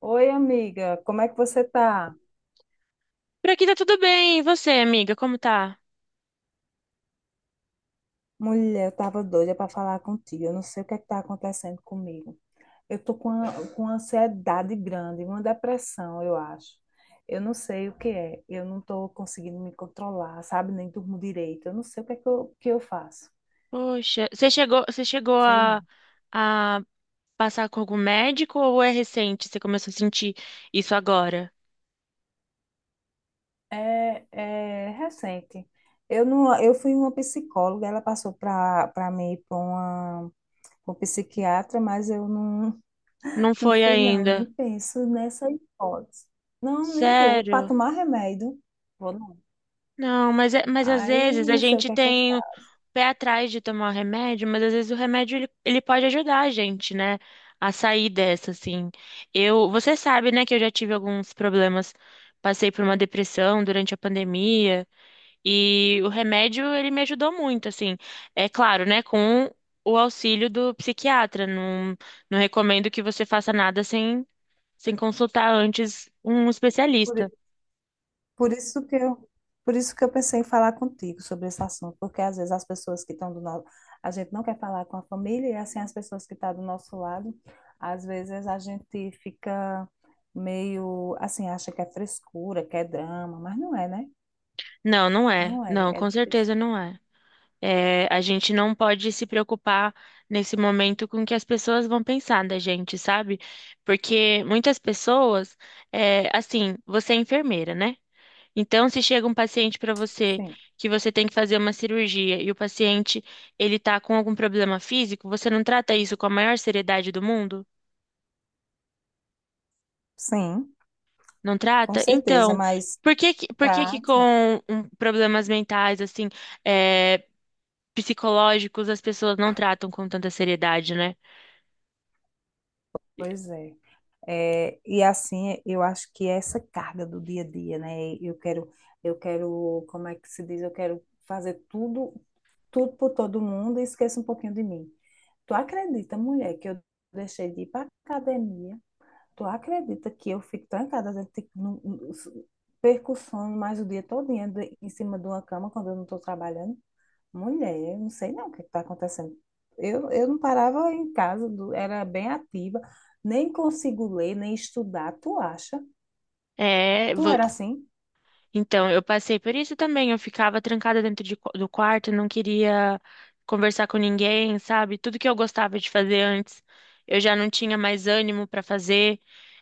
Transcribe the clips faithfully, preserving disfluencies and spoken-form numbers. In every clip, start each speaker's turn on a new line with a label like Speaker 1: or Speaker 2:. Speaker 1: Oi, amiga, como é que você tá?
Speaker 2: Por aqui tá tudo bem. E você, amiga, como tá?
Speaker 1: Mulher, eu tava doida para falar contigo. Eu não sei o que é que tá acontecendo comigo. Eu tô com, a- com uma ansiedade grande, uma depressão, eu acho. Eu não sei o que é. Eu não tô conseguindo me controlar, sabe? Nem durmo direito. Eu não sei o que é que eu, que eu faço.
Speaker 2: Poxa, você chegou, você chegou
Speaker 1: Sei
Speaker 2: a,
Speaker 1: não.
Speaker 2: a passar com algum médico ou é recente? Você começou a sentir isso agora?
Speaker 1: É, é recente. Eu não, eu fui uma psicóloga, ela passou para para mim para uma, pra um psiquiatra, mas eu não.
Speaker 2: Não
Speaker 1: Não
Speaker 2: foi
Speaker 1: fui, não, nem
Speaker 2: ainda.
Speaker 1: penso nessa hipótese. Não, nem vou. Para
Speaker 2: Sério?
Speaker 1: tomar remédio, vou não.
Speaker 2: Não, mas, é- mas às
Speaker 1: Aí
Speaker 2: vezes a
Speaker 1: não sei o
Speaker 2: gente
Speaker 1: que é que eu
Speaker 2: tem o
Speaker 1: faço.
Speaker 2: pé atrás de tomar o remédio, mas às vezes o remédio ele, ele pode ajudar a gente, né? A sair dessa, assim. Eu, você sabe, né, que eu já tive alguns problemas. Passei por uma depressão durante a pandemia e o remédio ele me ajudou muito, assim. É claro, né, com o auxílio do psiquiatra. Não, não recomendo que você faça nada sem, sem consultar antes um
Speaker 1: Por, i-
Speaker 2: especialista.
Speaker 1: por isso que eu, por isso que eu pensei em falar contigo sobre esse assunto, porque às vezes as pessoas que estão do nosso, a gente não quer falar com a família, e é assim, as pessoas que estão do nosso lado, às vezes a gente fica meio assim, acha que é frescura, que é drama, mas não é, né?
Speaker 2: Não, não é.
Speaker 1: Não é,
Speaker 2: Não,
Speaker 1: é
Speaker 2: com
Speaker 1: difícil.
Speaker 2: certeza não é. É, a gente não pode se preocupar nesse momento com o que as pessoas vão pensar da gente, sabe? Porque muitas pessoas, é, assim, você é enfermeira, né? Então, se chega um paciente para você
Speaker 1: Sim,
Speaker 2: que você tem que fazer uma cirurgia e o paciente ele tá com algum problema físico, você não trata isso com a maior seriedade do mundo?
Speaker 1: sim,
Speaker 2: Não
Speaker 1: com
Speaker 2: trata?
Speaker 1: certeza,
Speaker 2: Então,
Speaker 1: mas
Speaker 2: por que que, por que que
Speaker 1: trato.
Speaker 2: com um, problemas mentais, assim, é, psicológicos, as pessoas não tratam com tanta seriedade, né?
Speaker 1: Pois é. É, e assim, eu acho que essa carga do dia a dia, né? Eu quero, eu quero, como é que se diz? Eu quero fazer tudo, tudo por todo mundo e esqueça um pouquinho de mim. Tu acredita, mulher, que eu deixei de ir para academia? Tu acredita que eu fico trancada dentro de, no, no- perco o sono mais o dia todo em cima de uma cama quando eu não estou trabalhando? Mulher, eu não sei não o que está acontecendo. Eu, eu não parava em casa, do- era bem ativa, nem consigo ler, nem estudar. Tu acha?
Speaker 2: É,
Speaker 1: Tu
Speaker 2: vo-
Speaker 1: era assim?
Speaker 2: então, eu passei por isso também. Eu ficava trancada dentro de qu- do quarto, não queria conversar com ninguém, sabe? Tudo que eu gostava de fazer antes, eu já não tinha mais ânimo para fazer.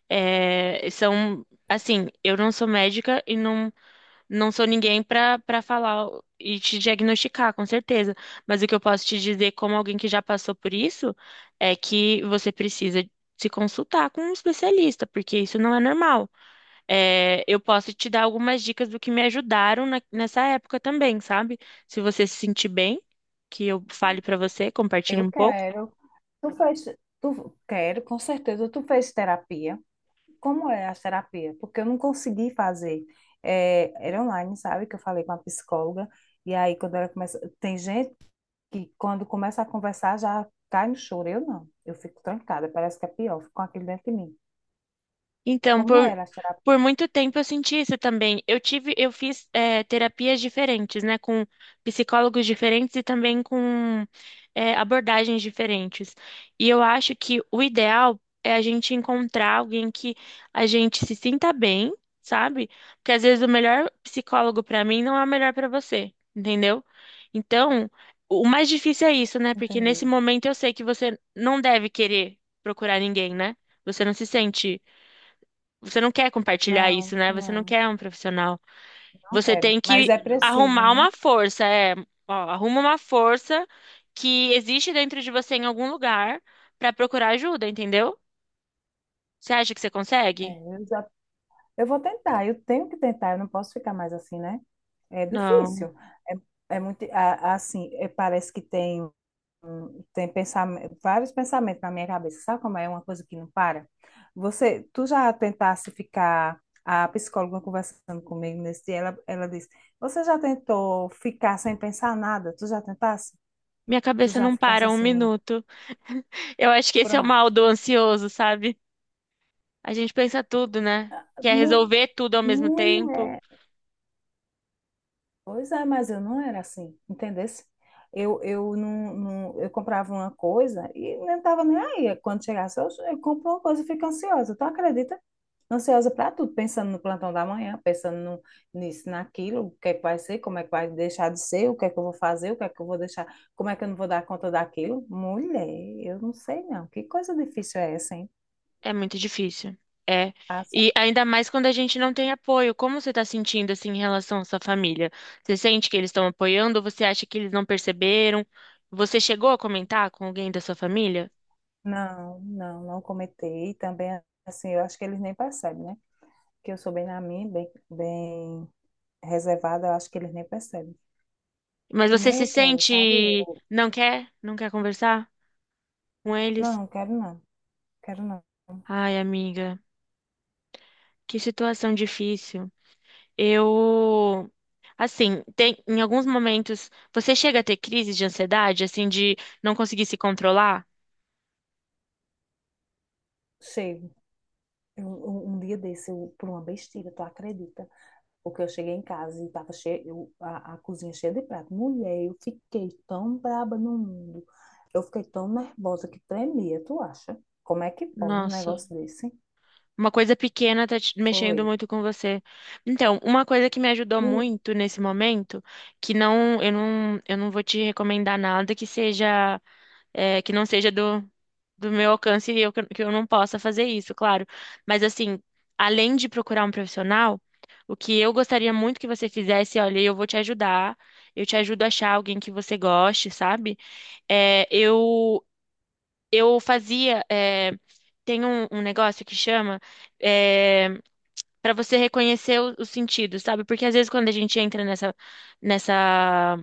Speaker 2: É, são, assim, eu não sou médica e não, não sou ninguém para para falar e te diagnosticar, com certeza. Mas o que eu posso te dizer, como alguém que já passou por isso, é que você precisa se consultar com um especialista, porque isso não é normal. É, eu posso te dar algumas dicas do que me ajudaram na- nessa época também, sabe? Se você se sentir bem, que eu fale pra você, compartilhe
Speaker 1: Eu
Speaker 2: um pouco.
Speaker 1: quero. Tu fez, tu quero, com certeza. Tu fez terapia. Como é a terapia? Porque eu não consegui fazer. É, era online, sabe? Que eu falei com a psicóloga. E aí, quando ela começa. Tem gente que, quando começa a conversar, já cai no choro. Eu não. Eu fico trancada, parece que é pior. Fico com aquilo dentro de mim.
Speaker 2: Então,
Speaker 1: Como
Speaker 2: por,
Speaker 1: era a terapia?
Speaker 2: Por muito tempo eu senti isso também. Eu tive, eu fiz eh, terapias diferentes, né, com psicólogos diferentes e também com eh, abordagens diferentes. E eu acho que o ideal é a gente encontrar alguém que a gente se sinta bem, sabe? Porque às vezes o melhor psicólogo para mim não é o melhor para você, entendeu? Então, o mais difícil é isso, né? Porque nesse
Speaker 1: Entendi.
Speaker 2: momento eu sei que você não deve querer procurar ninguém, né? Você não se sente você não quer compartilhar isso,
Speaker 1: Não,
Speaker 2: né? Você não
Speaker 1: não,
Speaker 2: quer um profissional.
Speaker 1: não
Speaker 2: Você
Speaker 1: quero.
Speaker 2: tem
Speaker 1: Mas
Speaker 2: que
Speaker 1: é preciso,
Speaker 2: arrumar
Speaker 1: né?
Speaker 2: uma força, é, ó, arruma uma força que existe dentro de você em algum lugar para procurar ajuda, entendeu? Você acha que você consegue?
Speaker 1: É, eu já, eu vou tentar, eu tenho que tentar, eu não posso ficar mais assim, né? É
Speaker 2: Não.
Speaker 1: difícil. É, é muito, a- assim, é, parece que tem, um- tem pensamento, vários pensamentos na minha cabeça. Sabe como é uma coisa que não para? Você, tu já tentasse ficar, a psicóloga conversando comigo nesse dia, ela, ela disse, você já tentou ficar sem pensar nada? Tu já tentasse?
Speaker 2: Minha
Speaker 1: Tu
Speaker 2: cabeça
Speaker 1: já
Speaker 2: não
Speaker 1: ficasse
Speaker 2: para um
Speaker 1: assim,
Speaker 2: minuto. Eu acho que esse é o mal
Speaker 1: pronto.
Speaker 2: do ansioso, sabe? A gente pensa tudo, né? Quer resolver tudo ao mesmo tempo.
Speaker 1: Mulher, pois é, mas eu não era assim, entendesse? Eu, eu não, não- eu comprava uma coisa e não estava nem aí. Quando chegasse, eu, eu compro uma coisa e fico ansiosa. Tu acredita? Ansiosa para tudo, pensando no plantão da manhã, pensando no- nisso, naquilo, o que é que vai ser, como é que vai deixar de ser, o que é que eu vou fazer, o que é que eu vou deixar, como é que eu não vou dar conta daquilo. Mulher, eu não sei não. Que coisa difícil é essa, hein?
Speaker 2: É muito difícil. É.
Speaker 1: Ah, só-
Speaker 2: E ainda mais quando a gente não tem apoio. Como você está sentindo assim em relação à sua família? Você sente que eles estão apoiando ou você acha que eles não perceberam? Você chegou a comentar com alguém da sua família?
Speaker 1: Não, não, não comentei. E também, assim, eu acho que eles nem percebem, né? Que eu sou bem na minha, bem, bem reservada, eu acho que eles nem percebem.
Speaker 2: Mas
Speaker 1: E
Speaker 2: você
Speaker 1: nem
Speaker 2: se
Speaker 1: eu quero, sabe?
Speaker 2: sente
Speaker 1: Eu,
Speaker 2: não quer, não quer conversar com eles?
Speaker 1: não, quero não, quero não.
Speaker 2: Ai, amiga, que situação difícil. Eu assim, tem em alguns momentos você chega a ter crises de ansiedade, assim de não conseguir se controlar?
Speaker 1: Chego. Eu, um, um dia desse, eu, por uma besteira, tu acredita? Porque eu cheguei em casa e tava cheio, eu- a, a cozinha cheia de prato. Mulher, eu fiquei tão braba no mundo. Eu fiquei tão nervosa que tremia, tu acha? Como é que pode um
Speaker 2: Nossa.
Speaker 1: negócio desse?
Speaker 2: Uma coisa pequena tá te
Speaker 1: Foi.
Speaker 2: mexendo muito com você. Então, uma coisa que me ajudou muito nesse momento, que não, eu não, eu não vou te recomendar nada que seja, é, que não seja do, do meu alcance e eu, que eu que eu não possa fazer isso, claro. Mas assim, além de procurar um profissional, o que eu gostaria muito que você fizesse, olha, eu vou te ajudar, eu te ajudo a achar alguém que você goste, sabe? É, eu eu fazia. Eh, tem um, um negócio que chama eh, para você reconhecer o- os sentidos, sabe? Porque às vezes quando a gente entra nessa, nessa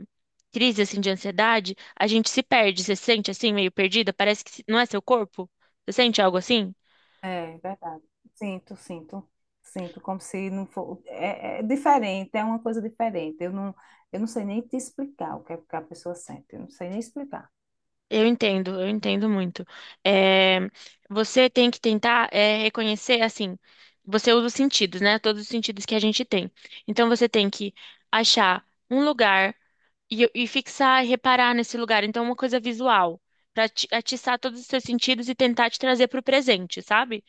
Speaker 2: crise assim de ansiedade, a gente se perde. Você se sente assim, meio perdida? Parece que se- não é seu corpo? Você sente algo assim?
Speaker 1: É verdade. Sinto, sinto, sinto, como se não for. É, é diferente, é uma coisa diferente. Eu não, eu não sei nem te explicar o que é que a pessoa sente. Eu não sei nem explicar.
Speaker 2: Eu entendo, eu entendo muito. Eh, Você tem que tentar eh, reconhecer assim. Você usa os sentidos, né? Todos os sentidos que a gente tem. Então você tem que achar um lugar e, eu- e fixar e reparar nesse lugar. Então, é uma coisa visual, para atiçar todos os seus sentidos e tentar te trazer para o presente, sabe?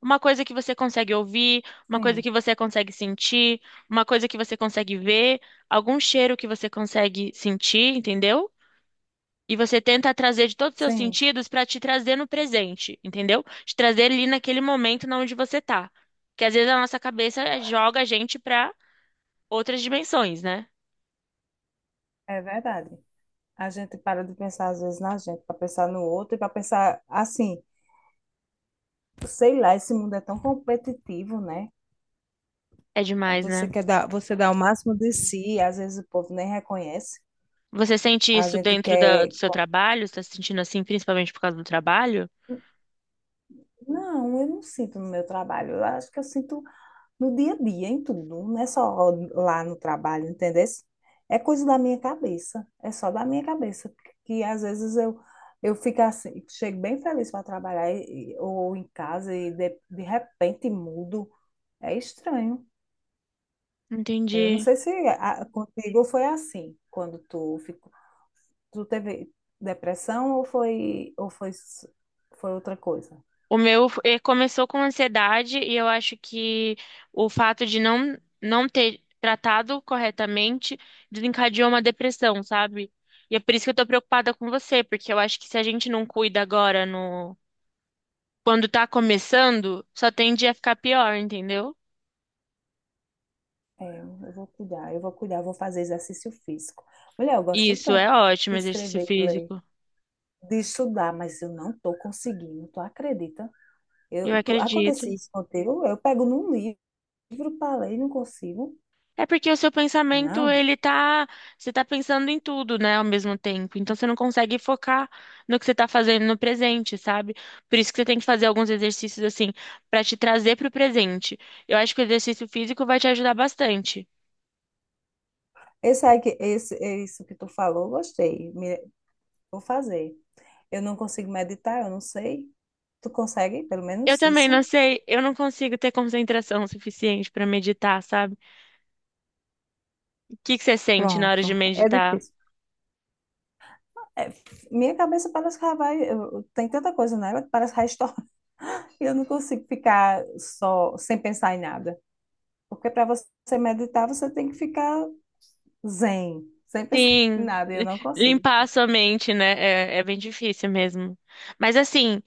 Speaker 2: Uma coisa que você consegue ouvir, uma coisa
Speaker 1: Sim,
Speaker 2: que você consegue sentir, uma coisa que você consegue ver, algum cheiro que você consegue sentir, entendeu? E você tenta trazer de todos os seus
Speaker 1: sim,
Speaker 2: sentidos para te trazer no presente, entendeu? Te trazer ali naquele momento na onde você tá. Porque às vezes a nossa cabeça joga a gente para outras dimensões, né?
Speaker 1: é verdade. A gente para de pensar às vezes na gente, para pensar no outro e para pensar assim, sei lá, esse mundo é tão competitivo, né?
Speaker 2: É demais,
Speaker 1: Você
Speaker 2: né?
Speaker 1: quer dar, você dá o máximo de si, às vezes o povo nem reconhece.
Speaker 2: Você sente
Speaker 1: A
Speaker 2: isso
Speaker 1: gente
Speaker 2: dentro da- do
Speaker 1: quer.
Speaker 2: seu
Speaker 1: Co-
Speaker 2: trabalho? Você está se sentindo assim, principalmente por causa do trabalho?
Speaker 1: Não, eu não sinto no meu trabalho. Eu acho que eu sinto no dia a dia, em tudo, não é só lá no trabalho, entendeu? É coisa da minha cabeça, é só da minha cabeça, que às vezes eu eu fico assim, chego bem feliz para trabalhar e- e- ou em casa e de, de repente mudo, é estranho. Eu não
Speaker 2: Entendi.
Speaker 1: sei se a, contigo foi assim, quando tu ficou, tu teve depressão ou foi ou foi s- foi outra coisa.
Speaker 2: O meu eh, começou com ansiedade e eu acho que o fato de não, não ter tratado corretamente desencadeou uma depressão, sabe? E é por isso que eu tô preocupada com você, porque eu acho que se a gente não cuida agora no quando tá começando, só tende a ficar pior, entendeu?
Speaker 1: É, eu vou cuidar, eu vou cuidar, eu vou fazer exercício físico. Mulher, eu gosto
Speaker 2: Isso
Speaker 1: tanto
Speaker 2: é ótimo,
Speaker 1: de
Speaker 2: exercício
Speaker 1: escrever e ler,
Speaker 2: físico.
Speaker 1: de estudar, mas eu não estou conseguindo, tu acredita?
Speaker 2: Eu
Speaker 1: Eu, tu,
Speaker 2: acredito.
Speaker 1: acontece isso contigo, eu pego num livro para ler e não consigo.
Speaker 2: É porque o seu pensamento,
Speaker 1: Não,
Speaker 2: ele tá, você tá pensando em tudo, né, ao mesmo tempo. Então você não consegue focar no que você tá fazendo no presente, sabe? Por isso que você tem que fazer alguns exercícios assim pra te trazer pro presente. Eu acho que o exercício físico vai te ajudar bastante.
Speaker 1: esse aí que, esse, isso que tu falou, gostei, me- vou fazer. Eu não consigo meditar, eu não sei. Tu consegue, pelo
Speaker 2: Eu
Speaker 1: menos
Speaker 2: também
Speaker 1: isso?
Speaker 2: não sei, eu não consigo ter concentração suficiente pra meditar, sabe? O que que você sente na hora de
Speaker 1: Pronto, é
Speaker 2: meditar?
Speaker 1: difícil. É, minha cabeça parece que ela vai. eu- tem tanta coisa nela que parece que vai estourar. Eu não consigo ficar só sem pensar em nada. Porque para você meditar, você tem que ficar Zen, sem pensar em
Speaker 2: Sim.
Speaker 1: nada, eu não consigo.
Speaker 2: Limpar a sua mente, né? É, é bem difícil mesmo. Mas assim,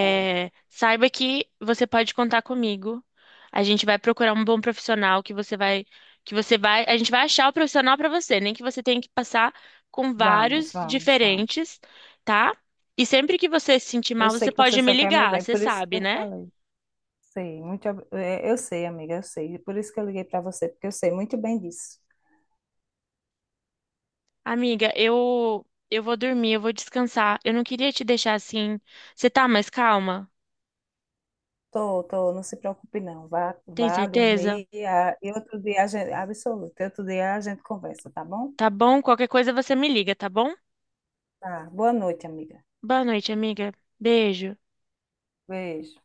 Speaker 1: É,
Speaker 2: saiba que você pode contar comigo. A gente vai procurar um bom profissional que você vai, que você vai, a gente vai achar o profissional para você, nem que você tenha que passar com
Speaker 1: vamos,
Speaker 2: vários
Speaker 1: vamos, vamos.
Speaker 2: diferentes, tá? E sempre que você se sentir
Speaker 1: Eu
Speaker 2: mal,
Speaker 1: sei
Speaker 2: você
Speaker 1: que você
Speaker 2: pode me
Speaker 1: só quer meu
Speaker 2: ligar,
Speaker 1: bem,
Speaker 2: você
Speaker 1: por isso que
Speaker 2: sabe,
Speaker 1: eu
Speaker 2: né?
Speaker 1: falei. Sei, muito, ob- é, eu sei, amiga, eu sei. Por isso que eu liguei para você, porque eu sei muito bem disso.
Speaker 2: Amiga, eu eu vou dormir, eu vou descansar. Eu não queria te deixar assim. Você tá mais calma?
Speaker 1: Tô, tô, não se preocupe não. Vá,
Speaker 2: Tem
Speaker 1: vá
Speaker 2: certeza?
Speaker 1: dormir ah, e outro dia a gente, absoluto, outro dia a gente conversa, tá bom?
Speaker 2: Tá bom? Qualquer coisa você me liga, tá bom?
Speaker 1: Tá. Boa noite, amiga.
Speaker 2: Boa noite, amiga. Beijo.
Speaker 1: Beijo.